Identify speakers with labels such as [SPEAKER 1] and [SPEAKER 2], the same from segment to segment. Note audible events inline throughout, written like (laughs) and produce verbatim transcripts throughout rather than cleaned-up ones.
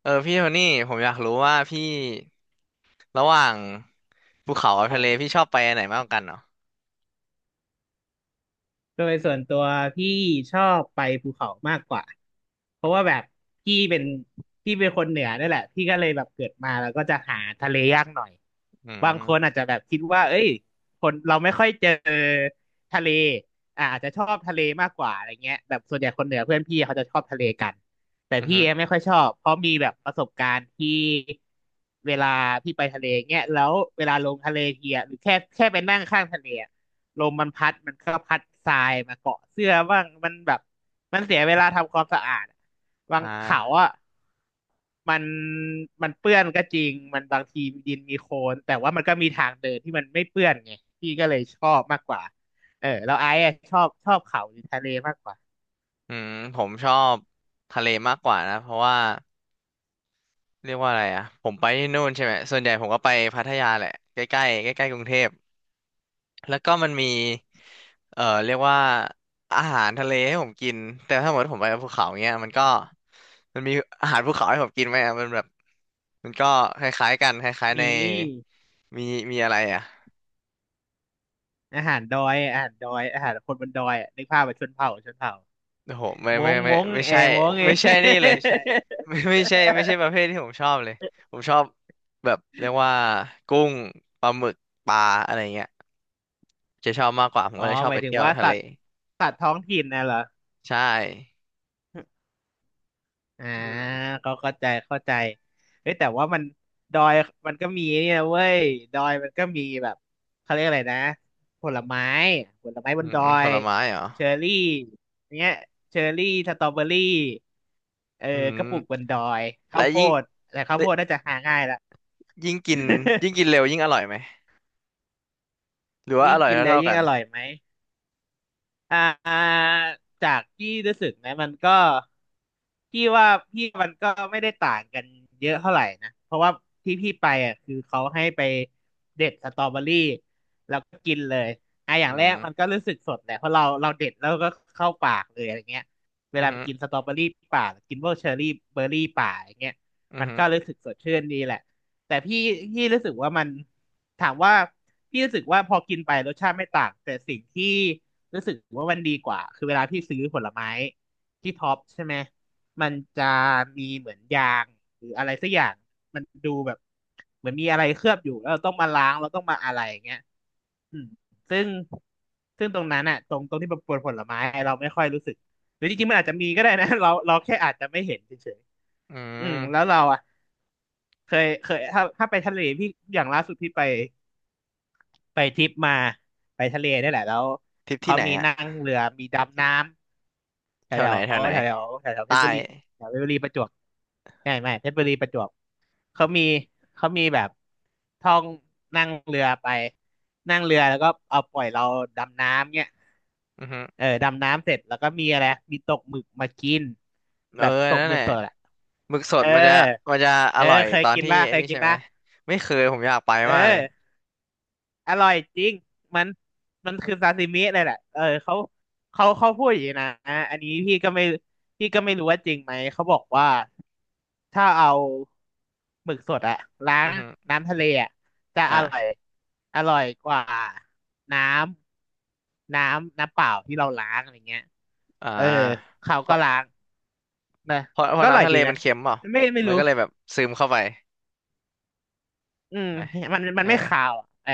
[SPEAKER 1] เออพี่โทนี่ผมอยากรู้ว่าพี่ระหว่างภูเขากับ
[SPEAKER 2] อ๋อ
[SPEAKER 1] ทะเลพี่ชอบไปอันไหนมากกว่ากันเหรอ
[SPEAKER 2] โดยส่วนตัวพี่ชอบไปภูเขามากกว่าเพราะว่าแบบพี่เป็นพี่เป็นคนเหนือนี่แหละพี่ก็เลยแบบเกิดมาแล้วก็จะหาทะเลยากหน่อย
[SPEAKER 1] อื
[SPEAKER 2] บางคนอา
[SPEAKER 1] ม
[SPEAKER 2] จจะแบบคิดว่าเอ้ยคนเราไม่ค่อยเจอทะเลอ่าอาจจะชอบทะเลมากกว่าอะไรเงี้ยแบบส่วนใหญ่คนเหนือเพื่อนพี่เขาจะชอบทะเลกันแต่
[SPEAKER 1] อือ
[SPEAKER 2] พี่
[SPEAKER 1] ฮึ
[SPEAKER 2] เองไม่ค่อยชอบเพราะมีแบบประสบการณ์ที่เวลาพี่ไปทะเลเงี้ยแล้วเวลาลงทะเลทีอะหรือแค่แค่ไปนั่งข้างทะเลอะ ลมมันพัดมันก็พัดทรายมาเกาะเสื้อบ้างมันแบบมันเสียเวลาทำความสะอาดอะบา
[SPEAKER 1] อ
[SPEAKER 2] งเขา
[SPEAKER 1] ่า
[SPEAKER 2] อ่ะมันมันเปื้อนก็จริงมันบางทีดินมีโคลนแต่ว่ามันก็มีทางเดินที่มันไม่เปื้อนไงพี่ก็เลยชอบมากกว่าเออแล้วไอ้อะชอบชอบเขาหรือทะเลมากกว่า
[SPEAKER 1] อืมผมชอบทะเลมากกว่านะเพราะว่าเรียกว่าอะไรอ่ะผมไปที่นู่นใช่ไหมส่วนใหญ่ผมก็ไปพัทยาแหละใกล้ใกล้ใกล้ใกล้ๆกรุงเทพแล้วก็มันมีเออเรียกว่าอาหารทะเลให้ผมกินแต่ถ้าหมดผมไปภูเขาเงี้ยมันก็มันมีอาหารภูเขาให้ผมกินไหมอะมันแบบมันก็คล้ายๆกันคล้ายๆใน
[SPEAKER 2] มี
[SPEAKER 1] มีมีอะไรอ่ะ
[SPEAKER 2] อาหารดอยอาหารดอยอาหารคนบนดอยอะนึกภาพแบบชนเผ่าชนเผ่า
[SPEAKER 1] โอ้โหไม่
[SPEAKER 2] ม้
[SPEAKER 1] ไม่
[SPEAKER 2] ง
[SPEAKER 1] ไม่
[SPEAKER 2] ม้ง
[SPEAKER 1] ไม่
[SPEAKER 2] เออ
[SPEAKER 1] ใช่
[SPEAKER 2] ม้งเอ
[SPEAKER 1] ไม่ใช่นี่เลย (laughs) ไม่ไม่ใช่ไม่ใช่ประเภทที่ผมชอบเลยผมชอบแบบเรียกว่ากุ้งปลาหมึกปลาอะไรเงี้ยจะชอบมากกว่าผ
[SPEAKER 2] (laughs)
[SPEAKER 1] ม
[SPEAKER 2] อ๋อ
[SPEAKER 1] ก็เลยชอ
[SPEAKER 2] ห
[SPEAKER 1] บ
[SPEAKER 2] มา
[SPEAKER 1] ไป
[SPEAKER 2] ยถึง
[SPEAKER 1] เที่ยว
[SPEAKER 2] ว่า
[SPEAKER 1] ทะ
[SPEAKER 2] สั
[SPEAKER 1] เล
[SPEAKER 2] ตว์สัตว์ท้องถิ่นนะเหรอ
[SPEAKER 1] ใช่
[SPEAKER 2] อ่า
[SPEAKER 1] อืม
[SPEAKER 2] ก็เข้าใจเข้าใจเฮ้ยแต่ว่ามันดอยมันก็มีเนี่ยเว้ยดอยมันก็มีแบบเขาเรียกอะไรนะผลไม้ผลไม้บ
[SPEAKER 1] อื
[SPEAKER 2] น
[SPEAKER 1] ม
[SPEAKER 2] ดอ
[SPEAKER 1] ผ
[SPEAKER 2] ย
[SPEAKER 1] ลไม้เหรอ
[SPEAKER 2] เชอร์รี่เนี้ยเชอร์รี่สตรอเบอรี่เออ
[SPEAKER 1] อื
[SPEAKER 2] กระปลูกบ
[SPEAKER 1] ม
[SPEAKER 2] นดอยข้า
[SPEAKER 1] และ
[SPEAKER 2] วโพ
[SPEAKER 1] ยิ่ง
[SPEAKER 2] ดแต่ข้าวโพ
[SPEAKER 1] และ
[SPEAKER 2] ดน่าจะหาง่ายละ
[SPEAKER 1] ยิ่งกิน
[SPEAKER 2] (laughs)
[SPEAKER 1] ยิ่งกินเร็วยิ่งอร่อยไหมหรือว่าอ
[SPEAKER 2] ยิ่ง
[SPEAKER 1] ร่อย
[SPEAKER 2] กิน
[SPEAKER 1] เท่า
[SPEAKER 2] เลย
[SPEAKER 1] เท่า
[SPEAKER 2] ยิ่
[SPEAKER 1] กั
[SPEAKER 2] ง
[SPEAKER 1] น
[SPEAKER 2] อร่อยไหม อ่าจากที่รู้สึกนะมันก็พี่ว่าพี่มันก็ไม่ได้ต่างกันเยอะเท่าไหร่นะเพราะว่าที่พี่ไปอ่ะคือเขาให้ไปเด็ดสตรอเบอรี่แล้วก็กินเลยอ่ะอย่าง
[SPEAKER 1] อื
[SPEAKER 2] แรกมัน
[SPEAKER 1] ม
[SPEAKER 2] ก็รู้สึกสดแหละเพราะเราเราเด็ดแล้วก็เข้าปากเลยอะไรเงี้ยเว
[SPEAKER 1] อือ
[SPEAKER 2] ลาไป
[SPEAKER 1] ฮึ
[SPEAKER 2] กินสตรอเบอรี่ป่าหรือกินพวกเชอร์รี่เบอร์รี่ป่าอย่างเงี้ย
[SPEAKER 1] อือ
[SPEAKER 2] มัน
[SPEAKER 1] ฮึ
[SPEAKER 2] ก็รู้สึกสดชื่นดีแหละแต่พี่พี่รู้สึกว่ามันถามว่าพี่รู้สึกว่าพอกินไปรสชาติไม่ต่างแต่สิ่งที่ รู้สึกว่ามันดีกว่าคือเวลาพี่ซื้อผลไม้ที่ท็อปใช่ไหมมันจะมีเหมือนยางหรืออะไรสักอย่างมันดูแบบเหมือนมีอะไรเคลือบอยู่แล้วเราต้องมาล้างเราต้องมาอะไรอย่างเงี้ยอืมซึ่งซึ่งตรงนั้นอะตรงตรงที่ประปวนผลไม้เราไม่ค่อยรู้สึกหรือจริงๆมันอาจจะมีก็ได้นะ (laughs) เราเราแค่อาจจะไม่เห็นเฉย
[SPEAKER 1] อื
[SPEAKER 2] ๆอืมแล้ว
[SPEAKER 1] ม
[SPEAKER 2] เราอะเคยเคยถ้าถ้าไปทะเลพี่อย่างล่าสุดพี่ไป ไปทริปมาไปทะเลนี่แหละแล้ว
[SPEAKER 1] ทริปที่
[SPEAKER 2] เขา
[SPEAKER 1] ไหน
[SPEAKER 2] มี
[SPEAKER 1] อะ
[SPEAKER 2] นั่งเรือมีดำน้ำแถ
[SPEAKER 1] แถ
[SPEAKER 2] ว
[SPEAKER 1] ว
[SPEAKER 2] แถ
[SPEAKER 1] ไหน
[SPEAKER 2] ว
[SPEAKER 1] แถวไหน
[SPEAKER 2] แถวแถวแถวแถวเพ
[SPEAKER 1] ใต้
[SPEAKER 2] ชรบุรีแถวเพชรบุรีประจวบไม่ไม่เพชรบุรีประจวบเขามีเขามีแบบท่องนั่งเรือไปนั่งเรือแล้วก็เอาปล่อยเราดำน้ำเนี่ย
[SPEAKER 1] อือฮึ
[SPEAKER 2] เออดำน้ำเสร็จแล้วก็มีอะไรมีตกหมึกมากิน
[SPEAKER 1] เอ
[SPEAKER 2] แบ
[SPEAKER 1] อ
[SPEAKER 2] บตก
[SPEAKER 1] นั่น
[SPEAKER 2] ห
[SPEAKER 1] แห
[SPEAKER 2] มึก
[SPEAKER 1] ละ
[SPEAKER 2] สดอะ
[SPEAKER 1] หมึกส
[SPEAKER 2] เอ
[SPEAKER 1] ด
[SPEAKER 2] อ
[SPEAKER 1] มันจะมันจะอ
[SPEAKER 2] เออ
[SPEAKER 1] ร่อย
[SPEAKER 2] เคย
[SPEAKER 1] ตอน
[SPEAKER 2] กิน
[SPEAKER 1] ที่
[SPEAKER 2] ป่ะ
[SPEAKER 1] ไอั
[SPEAKER 2] เค
[SPEAKER 1] น
[SPEAKER 2] ย
[SPEAKER 1] นี้
[SPEAKER 2] กิ
[SPEAKER 1] ใช่
[SPEAKER 2] น
[SPEAKER 1] ไหม
[SPEAKER 2] ป่ะ
[SPEAKER 1] ไม่เคยผมอยากไป
[SPEAKER 2] เอ
[SPEAKER 1] มากเลย
[SPEAKER 2] อ อร่อยจริงมันมันคือซาซิมิเลยแหละเออเขาเขาเขาพูดอย่างนี้นะอันนี้พี่ก็ไม่พี่ก็ไม่รู้ว่าจริงไหมเขาบอกว่าถ้าเอาหมึกสดอะล้า
[SPEAKER 1] อื
[SPEAKER 2] ง
[SPEAKER 1] อฮึ
[SPEAKER 2] น้ำทะเลอะจะอร่อย
[SPEAKER 1] อ่า
[SPEAKER 2] อร่อยกว่าน้ำน้ำน้ำเปล่าที่เราล้างอะไรเงี้ย
[SPEAKER 1] อ่า
[SPEAKER 2] เออเขา
[SPEAKER 1] เพ
[SPEAKER 2] ก็
[SPEAKER 1] ราะ
[SPEAKER 2] ล้างนะ
[SPEAKER 1] เพราะ
[SPEAKER 2] แต่
[SPEAKER 1] เพ
[SPEAKER 2] ก็
[SPEAKER 1] ราะ
[SPEAKER 2] อร่อ
[SPEAKER 1] น้ำ
[SPEAKER 2] ย
[SPEAKER 1] ทะเล
[SPEAKER 2] ดี
[SPEAKER 1] มั
[SPEAKER 2] นะ
[SPEAKER 1] นเค็มเปล่า
[SPEAKER 2] ไม่ไม่
[SPEAKER 1] มัน
[SPEAKER 2] รู้
[SPEAKER 1] ก็เลยแบบซึมเข้าไป
[SPEAKER 2] อืม
[SPEAKER 1] ไหม
[SPEAKER 2] มัน
[SPEAKER 1] เอ
[SPEAKER 2] มัน
[SPEAKER 1] อ
[SPEAKER 2] ไม่ข่าวอะเออ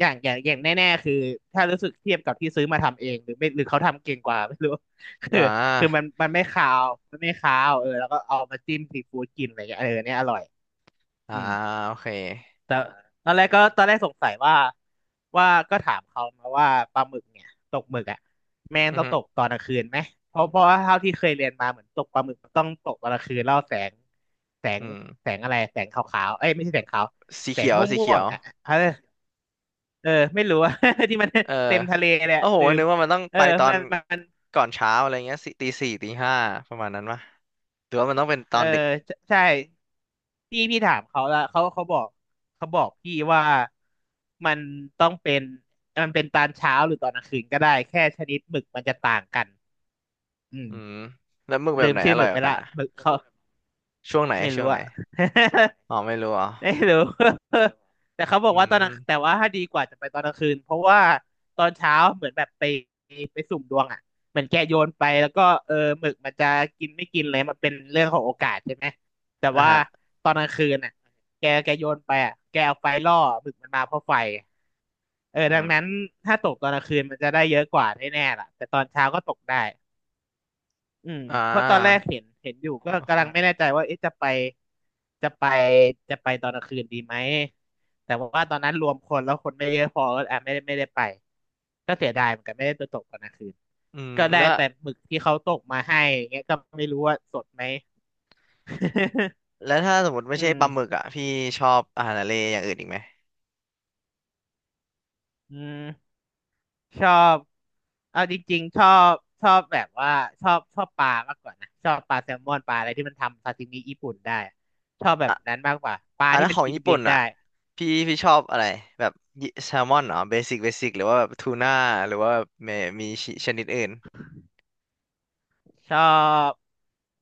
[SPEAKER 2] อย่างอย่างอย่างแน่ๆคือถ้ารู้สึกเทียบกับที่ซื้อมาทำเองหรือไม่หรือเขาทำเก่งกว่า (laughs) ไม่รู้ (laughs) คื
[SPEAKER 1] อ่
[SPEAKER 2] อคือมัน
[SPEAKER 1] า
[SPEAKER 2] มันไม่ข่าวมันไม่ข่าวเออแล้วก็เอามาจิ้มซีฟู้ดกินอะไรอย่างเงี้ยเออเนี่ยอร่อย
[SPEAKER 1] อ่า
[SPEAKER 2] อืม
[SPEAKER 1] โอเค
[SPEAKER 2] แต่ตอนแรกก็ตอนแรกสงสัยว่าว่าก็ถามเขามาว่าปลาหมึกเนี่ยตกหมึกอ่ะแม่ง
[SPEAKER 1] อือ
[SPEAKER 2] ต้อง
[SPEAKER 1] ฮึ
[SPEAKER 2] ตกตอนกลางคืนไหมเพราะเพราะว่าเท่าที่เคยเรียนมาเหมือนตกปลาหมึกมันต้องตกตอนกลางคืนแล้วแสงแสง
[SPEAKER 1] อืม
[SPEAKER 2] แสงอะไรแสงขาวๆเอ้ยไม่ใช่แสงขาว
[SPEAKER 1] สี
[SPEAKER 2] แสง
[SPEAKER 1] เขียวสี
[SPEAKER 2] ม่
[SPEAKER 1] เขี
[SPEAKER 2] ว
[SPEAKER 1] ย
[SPEAKER 2] ง
[SPEAKER 1] ว
[SPEAKER 2] ๆอ่ะเออเออไม่รู้อะ (laughs) ที่มัน
[SPEAKER 1] เออ
[SPEAKER 2] เต็มทะเลเลย
[SPEAKER 1] โอ้
[SPEAKER 2] อะ
[SPEAKER 1] โห
[SPEAKER 2] ลืม
[SPEAKER 1] นึกว่ามันต้อง
[SPEAKER 2] เออ
[SPEAKER 1] ไปตอ
[SPEAKER 2] มั
[SPEAKER 1] น
[SPEAKER 2] นมัน
[SPEAKER 1] ก่อนเช้าอะไรเงี้ยสิตีสี่ตีห้าประมาณนั้นปะหรือว่ามันต้องเป็นต
[SPEAKER 2] เอ
[SPEAKER 1] อ
[SPEAKER 2] อ
[SPEAKER 1] นดึก
[SPEAKER 2] ใช่พี่พี่ถามเขาแล้วเขาเขาบอกเขาบอกพี่ว่ามันต้องเป็นมันเป็นตอนเช้าหรือตอนกลางคืนก็ได้แค่ชนิดหมึกมันจะต่างกันอืม
[SPEAKER 1] อืมแล้วหมึกแบ
[SPEAKER 2] ลื
[SPEAKER 1] บ
[SPEAKER 2] ม
[SPEAKER 1] ไหน
[SPEAKER 2] ชื่
[SPEAKER 1] อ
[SPEAKER 2] อห
[SPEAKER 1] ร่อ
[SPEAKER 2] มึ
[SPEAKER 1] ย
[SPEAKER 2] ก
[SPEAKER 1] ก
[SPEAKER 2] ไป
[SPEAKER 1] ว่ากัน
[SPEAKER 2] ละ
[SPEAKER 1] อ่ะ
[SPEAKER 2] หมึกเขา
[SPEAKER 1] ช่วงไหน
[SPEAKER 2] ไม่
[SPEAKER 1] ช่ว
[SPEAKER 2] รู้
[SPEAKER 1] งไหน
[SPEAKER 2] อะ (laughs)
[SPEAKER 1] อ๋อไม่รู้อ๋อ
[SPEAKER 2] ไม่รู้ (laughs) แต่เขาบอ
[SPEAKER 1] อื
[SPEAKER 2] กว่าตอนกลางแต่
[SPEAKER 1] ม
[SPEAKER 2] ว่าถ้าดีกว่าจะไปตอนกลางคืนเพราะว่าตอนเช้าเหมือนแบบไปไปสุ่มดวงอ่ะเหมือนแกโยนไปแล้วก็เออหมึกมันจะกินไม่กินเลยมันเป็นเรื่องของโอกาสใช่ไหมแต่
[SPEAKER 1] อ่ะ
[SPEAKER 2] ว่า
[SPEAKER 1] ฮะ
[SPEAKER 2] ตอนกลางคืนอ่ะแกแกโยนไปอ่ะแกเอาไฟล่อหมึกมันมาเพราะไฟเออ
[SPEAKER 1] อื
[SPEAKER 2] ดัง
[SPEAKER 1] ม
[SPEAKER 2] นั้นถ้าตกตอนกลางคืนมันจะได้เยอะกว่าแน่ๆล่ะแต่ตอนเช้าก็ตกได้ อืม
[SPEAKER 1] อ่
[SPEAKER 2] เพราะตอนแรก
[SPEAKER 1] า
[SPEAKER 2] เห็นเห็นอยู่ก็
[SPEAKER 1] โอ
[SPEAKER 2] กำลังไม่
[SPEAKER 1] เค
[SPEAKER 2] แน่ใจว่าเอ๊ะจะไปจะไปจะไปตอนกลางคืนดีไหมแต่ว่าตอนนั้นรวมคนแล้วคนไม่เยอะพอก็อ่ะไม่ได้ไม่ได้ไปก็เสียดายเหมือนกันไม่ได้ไปตกตอนกลางคืน
[SPEAKER 1] อืม
[SPEAKER 2] ก็ได้
[SPEAKER 1] แล้ว
[SPEAKER 2] แต่หมึกที่เขาตกมาให้อย่างเงี้ยก็ไม่รู้ว่าสดไหม
[SPEAKER 1] แล้วถ้าสมมติ
[SPEAKER 2] (laughs)
[SPEAKER 1] ไม่
[SPEAKER 2] อื
[SPEAKER 1] ใช่
[SPEAKER 2] ม
[SPEAKER 1] ปลาหมึกอ่ะพี่ชอบอาหารทะเลอย่างอื่นอีกไหม
[SPEAKER 2] อืมชอบเอาจริงๆชอบชอบแบบว่าชอบชอบปลามากกว่านะชอบปลาแซลมอนปลาอะไรที่มันทำซาซิมิญี่ปุ่นได้ชอบแบบ
[SPEAKER 1] อ่ะ
[SPEAKER 2] นั้นมากกว่าปลา
[SPEAKER 1] อ่ะแล้
[SPEAKER 2] ที่
[SPEAKER 1] ว
[SPEAKER 2] มั
[SPEAKER 1] ข
[SPEAKER 2] น
[SPEAKER 1] อง
[SPEAKER 2] กิน
[SPEAKER 1] ญี่
[SPEAKER 2] เบี
[SPEAKER 1] ปุ่
[SPEAKER 2] ย
[SPEAKER 1] น
[SPEAKER 2] ดได้
[SPEAKER 1] อ่ะ พี่พี่ชอบอะไรแบบ แซลมอนเหรอเบสิกเบสิกหรือว่าแบบทูน่าหรือว่าแบบมีมีชนิดอื่น
[SPEAKER 2] ชอบ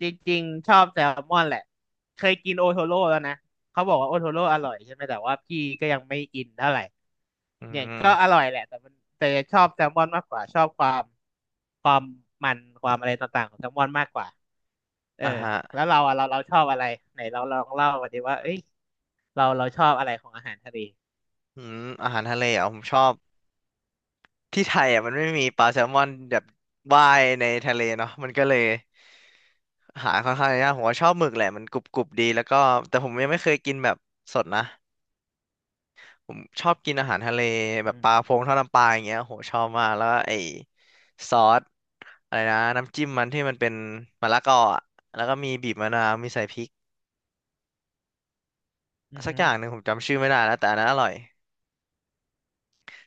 [SPEAKER 2] จริงๆชอบแซลมอนแหละเคยกินโอโทโร่แล้วนะเขาบอกว่าโอโทโร่อร่อยใช่ไหมแต่ว่าพี่ก็ยังไม่อินเท่าไหร่
[SPEAKER 1] อื
[SPEAKER 2] เนี่ย
[SPEAKER 1] ม
[SPEAKER 2] ก็อร่อยแหละแต่มันแต่ชอบแซลมอนมากกว่าชอบความความมันความอะไรต่างๆของแซลมอนมากกว่าเออ
[SPEAKER 1] อ่ะฮะ
[SPEAKER 2] แล้วเราอะเราเราชอบอะไรไหนเราลองเล่ามาดิว่าเอ้ยเราเราชอบอะไรของอาหารทะเล
[SPEAKER 1] อืมอาหารทะเลอ่ะผมชอบที่ไทยอ่ะมันไม่มีปลาแซลมอนแบบว่ายในทะเลเนาะมันก็เลยหาค่อนข้างยากผมว่าชอบหมึกแหละมันกรุบกรุบดีแล้วก็แต่ผมยังไม่เคยกินแบบสดนะ ผมชอบกินอาหารทะเลแบบ
[SPEAKER 2] อื
[SPEAKER 1] ปลาพ
[SPEAKER 2] ม
[SPEAKER 1] งทอดน้ำปลาอย่างเงี้ยโหชอบมาก แล้วก็ไอ้ซอสอะไรนะน้ำจิ้มมันที่มันเป็นมะละกออะแล้วก็มีบีบมะนาวมีใส่พริก
[SPEAKER 2] อือ
[SPEAKER 1] สัก
[SPEAKER 2] ฮึ
[SPEAKER 1] อย่างหนึ่งผมจำชื่อไม่ได้แล้วแต่อันนั้นอร่อย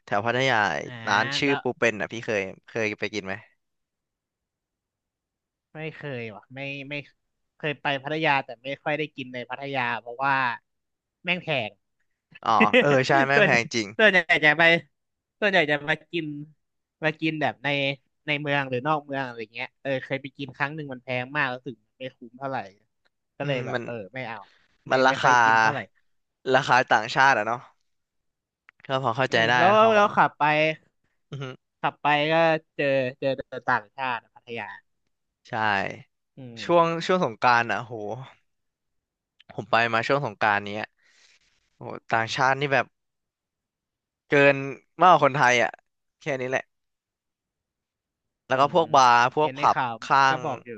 [SPEAKER 1] แถวพัทยา
[SPEAKER 2] อ่า
[SPEAKER 1] ร้านชื่อ
[SPEAKER 2] แล้ว
[SPEAKER 1] ปูเป็นอ่ะพี่เคยเคยไปกินไหม
[SPEAKER 2] ไม่เคยว่ะไม่ไม่เคยไปพัทยาแต่ไม่ค่อยได้กินในพัทยาเพราะว่าแม่งแพง
[SPEAKER 1] อ๋อเออใช่
[SPEAKER 2] (laughs)
[SPEAKER 1] แม่ง
[SPEAKER 2] ส่ว
[SPEAKER 1] แพ
[SPEAKER 2] น
[SPEAKER 1] งจริง
[SPEAKER 2] ส่วนใหญ่จะไปส่วนใหญ่จะมากินมากินแบบในในเมืองหรือนอกเมืองอะไรเงี้ยเออเคยไปกินครั้งหนึ่งมันแพงมากแล้วถึงไม่คุ้มเท่าไหร่ก็
[SPEAKER 1] อื
[SPEAKER 2] เลย
[SPEAKER 1] ม
[SPEAKER 2] แบบ
[SPEAKER 1] มัน
[SPEAKER 2] เออไม่เอาอะ
[SPEAKER 1] มั
[SPEAKER 2] ไม่
[SPEAKER 1] นรา
[SPEAKER 2] ไม่ค่อ
[SPEAKER 1] คา
[SPEAKER 2] ยอินเท่าไหร่
[SPEAKER 1] ราคาต่างชาติอะเนาะก็พอเข้า
[SPEAKER 2] อื
[SPEAKER 1] ใจ
[SPEAKER 2] ม
[SPEAKER 1] ได้
[SPEAKER 2] แล้ว
[SPEAKER 1] เขา
[SPEAKER 2] แล้วขับไป
[SPEAKER 1] อือฮึ
[SPEAKER 2] ขับไปก็เจอเจอแต่ต่างชาติอะพัทยา
[SPEAKER 1] ใช่
[SPEAKER 2] อื
[SPEAKER 1] ช่วง
[SPEAKER 2] ม
[SPEAKER 1] ช่วงสงกรานต์อ่ะโหผมไปมาช่วงสงกรานต์เนี้ย โอ้โหต่างชาตินี่แบบเกินมากกว่าคนไทยอ่ะแค่นี้แหละแล้ว
[SPEAKER 2] อื
[SPEAKER 1] ก็พ
[SPEAKER 2] ม
[SPEAKER 1] วกบาร์พวก
[SPEAKER 2] เห็นใน
[SPEAKER 1] ผับ
[SPEAKER 2] ข่าว
[SPEAKER 1] ข้า
[SPEAKER 2] ก็
[SPEAKER 1] ง
[SPEAKER 2] บอกอยู่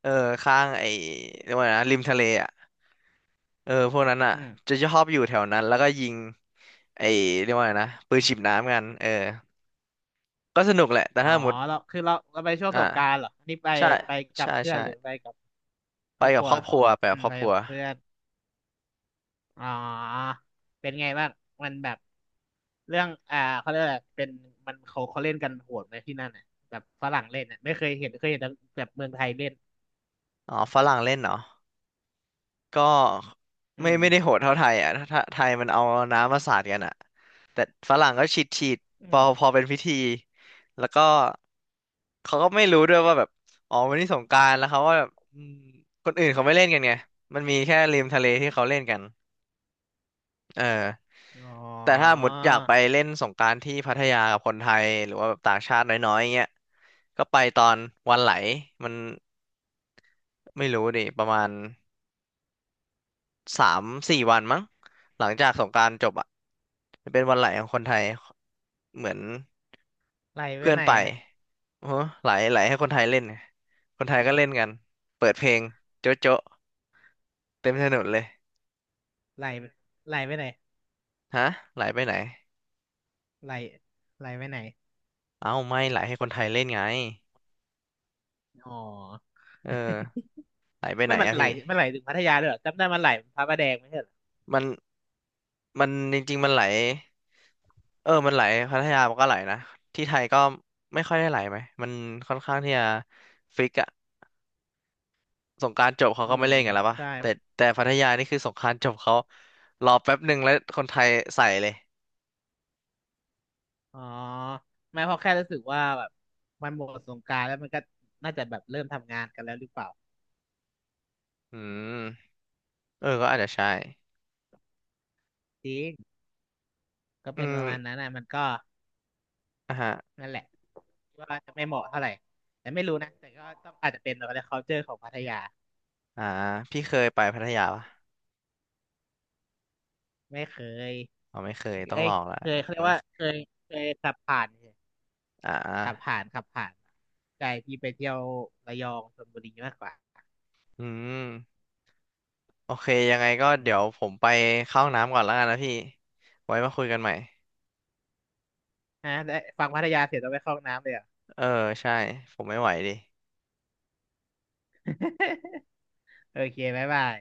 [SPEAKER 1] เออข้างไอ้เรียกว่าไงนะริมทะเลอ่ะเออพวกนั้นอ่ะ
[SPEAKER 2] อืม
[SPEAKER 1] จะชอบอยู่แถวนั้นแล้วก็ยิงไอ้เรียกว่าไงนะปืนฉีดน้ำกันเออก็สนุกแหละแต่
[SPEAKER 2] อ๋อ
[SPEAKER 1] ถ้าสมมติ
[SPEAKER 2] เราคือเราเราไปช่วง
[SPEAKER 1] อ่า
[SPEAKER 2] สงกรานต์เหรออันนี่ไป
[SPEAKER 1] ใช่
[SPEAKER 2] ไปกับ
[SPEAKER 1] ใช่
[SPEAKER 2] เพื่อน
[SPEAKER 1] ใช่
[SPEAKER 2] หรือไปกับค
[SPEAKER 1] ไป
[SPEAKER 2] รอบค
[SPEAKER 1] กับ
[SPEAKER 2] รั
[SPEAKER 1] ค
[SPEAKER 2] ว
[SPEAKER 1] รอบครัวไป
[SPEAKER 2] อื
[SPEAKER 1] กับ
[SPEAKER 2] ม
[SPEAKER 1] ครอ
[SPEAKER 2] ไป
[SPEAKER 1] บครั
[SPEAKER 2] กั
[SPEAKER 1] ว
[SPEAKER 2] บเพื่อนอ๋อเป็นไงบ้างมันแบบเรื่องอ่าเขาเรียกอะไรเป็นมันเขาเขาเล่นกันโหดไหมที่นั่นน่ะแบบฝรั่งเล่นน่ะไม่เคยเห็นเคยเห็นแต่แบบเมืองไทยเล่น
[SPEAKER 1] อ๋อฝรั่งเล่นเหรอ ก็
[SPEAKER 2] อื
[SPEAKER 1] ไม่ไม่ได้
[SPEAKER 2] ม
[SPEAKER 1] โหดเท่าไทยอ่ะถ้าถ้าไทยมันเอาน้ำมาสาดกันอ่ะแต่ฝรั่งก็ฉีดฉีดพ
[SPEAKER 2] อื
[SPEAKER 1] อพ
[SPEAKER 2] ม
[SPEAKER 1] อเป็นพิธีแล้วก็เขาก็ไม่รู้ด้วยว่าแบบอ๋อวันนี้สงกรานต์แล้วเขาว่าแบบอืมคนอื่นเขาไม่เล่นกันไงมันมีแค่ริมทะเลที่เขาเล่นกันเออ
[SPEAKER 2] อ๋
[SPEAKER 1] แต่ถ้า
[SPEAKER 2] อ
[SPEAKER 1] หมดอยากไปเล่นสงกรานต์ที่พัทยากับคนไทยหรือว่าแบบต่างชาติน้อยๆเงี้ยก็ไปตอนวันไหลมันไม่รู้ดิประมาณ สามสี่วันมั้งหลังจากสงกรานต์จบอ่ะจะเป็นวันไหลของคนไทยเหมือน
[SPEAKER 2] ไหลไป
[SPEAKER 1] เพื่อน
[SPEAKER 2] ไหน
[SPEAKER 1] ไป
[SPEAKER 2] อะ
[SPEAKER 1] โอ้โหไหลไหลให้คนไทยเล่นไงคนไทยก็เล่นกันเปิดเพลงโจ๊ะโจ๊ะเต็มถนนเลย
[SPEAKER 2] ไหลไหลไปไหน
[SPEAKER 1] ฮะไหลไปไหน
[SPEAKER 2] ไหลไหลไปไหน
[SPEAKER 1] เอ้าไม่ไหลให้คนไทยเล่นไง
[SPEAKER 2] อ๋อ
[SPEAKER 1] เออไหลไป
[SPEAKER 2] (laughs)
[SPEAKER 1] ไห
[SPEAKER 2] ไม่
[SPEAKER 1] น
[SPEAKER 2] มัน
[SPEAKER 1] อะ
[SPEAKER 2] ไหล
[SPEAKER 1] พี่
[SPEAKER 2] มันไหลถึงพัทยาเลยเหรอจำได้มันไหลพระประแดงไหม
[SPEAKER 1] มันมันจริงๆมันไหลเออมันไหลพัทยามันก็ไหลนะที่ไทยก็ไม่ค่อยได้ไหลไหมมันค่อนข้างที่จะฟิกอะ สงกรานต์จบเขา
[SPEAKER 2] อื
[SPEAKER 1] ก็ไม่
[SPEAKER 2] ม
[SPEAKER 1] เล่นกันแล้วปะ
[SPEAKER 2] ใช่
[SPEAKER 1] แต่แต่พัทยานี่คือสงกรานต์จบเขารอแป๊บหนึ่งแล้วคนไทยใส่เลย
[SPEAKER 2] อ๋อไม่เพราะแค่รู้สึกว่าแบบมันหมดสงกรานต์แล้วมันก็น่าจะแบบเริ่มทำงานกันแล้วหรือเปล่า
[SPEAKER 1] อืมเออก็อาจจะใช่
[SPEAKER 2] จริงก็
[SPEAKER 1] อื
[SPEAKER 2] เป็นป
[SPEAKER 1] ม
[SPEAKER 2] ระมาณนั้นนะมันก็
[SPEAKER 1] อ่ะฮะ
[SPEAKER 2] นั่นแหละว่าจะไม่เหมาะเท่าไหร่แต่ไม่รู้นะแต่ก็ต้องอาจจะเป็นอะไร culture ของพัทยา
[SPEAKER 1] อ่าพี่เคยไปพัทยาปะ
[SPEAKER 2] ไม่เคย
[SPEAKER 1] อ๋อไม่เคยต้อง
[SPEAKER 2] เอ้
[SPEAKER 1] ล
[SPEAKER 2] ย
[SPEAKER 1] องละ
[SPEAKER 2] เคยเขาเรียกว่าเคยเคยขับผ่านเฉย
[SPEAKER 1] อ่า
[SPEAKER 2] ขับผ่านขับผ่านใจที่ไปเที่ยวระยองชลบุรีมากกว่า
[SPEAKER 1] อืมโอเคยังไงก็
[SPEAKER 2] อื
[SPEAKER 1] เดี๋ย
[SPEAKER 2] ม
[SPEAKER 1] วผมไปเข้าห้องน้ำก่อนแล้วกันนะพี่ไว้มาคุยกันใหม่
[SPEAKER 2] ฮะได้ฟังพัทยาเสร็จแล้องไปเข้าห้องน้ำเลยเหรอ่ะ
[SPEAKER 1] เออใช่ผมไม่ไหวดิ
[SPEAKER 2] (laughs) โอเคบ๊ายบาย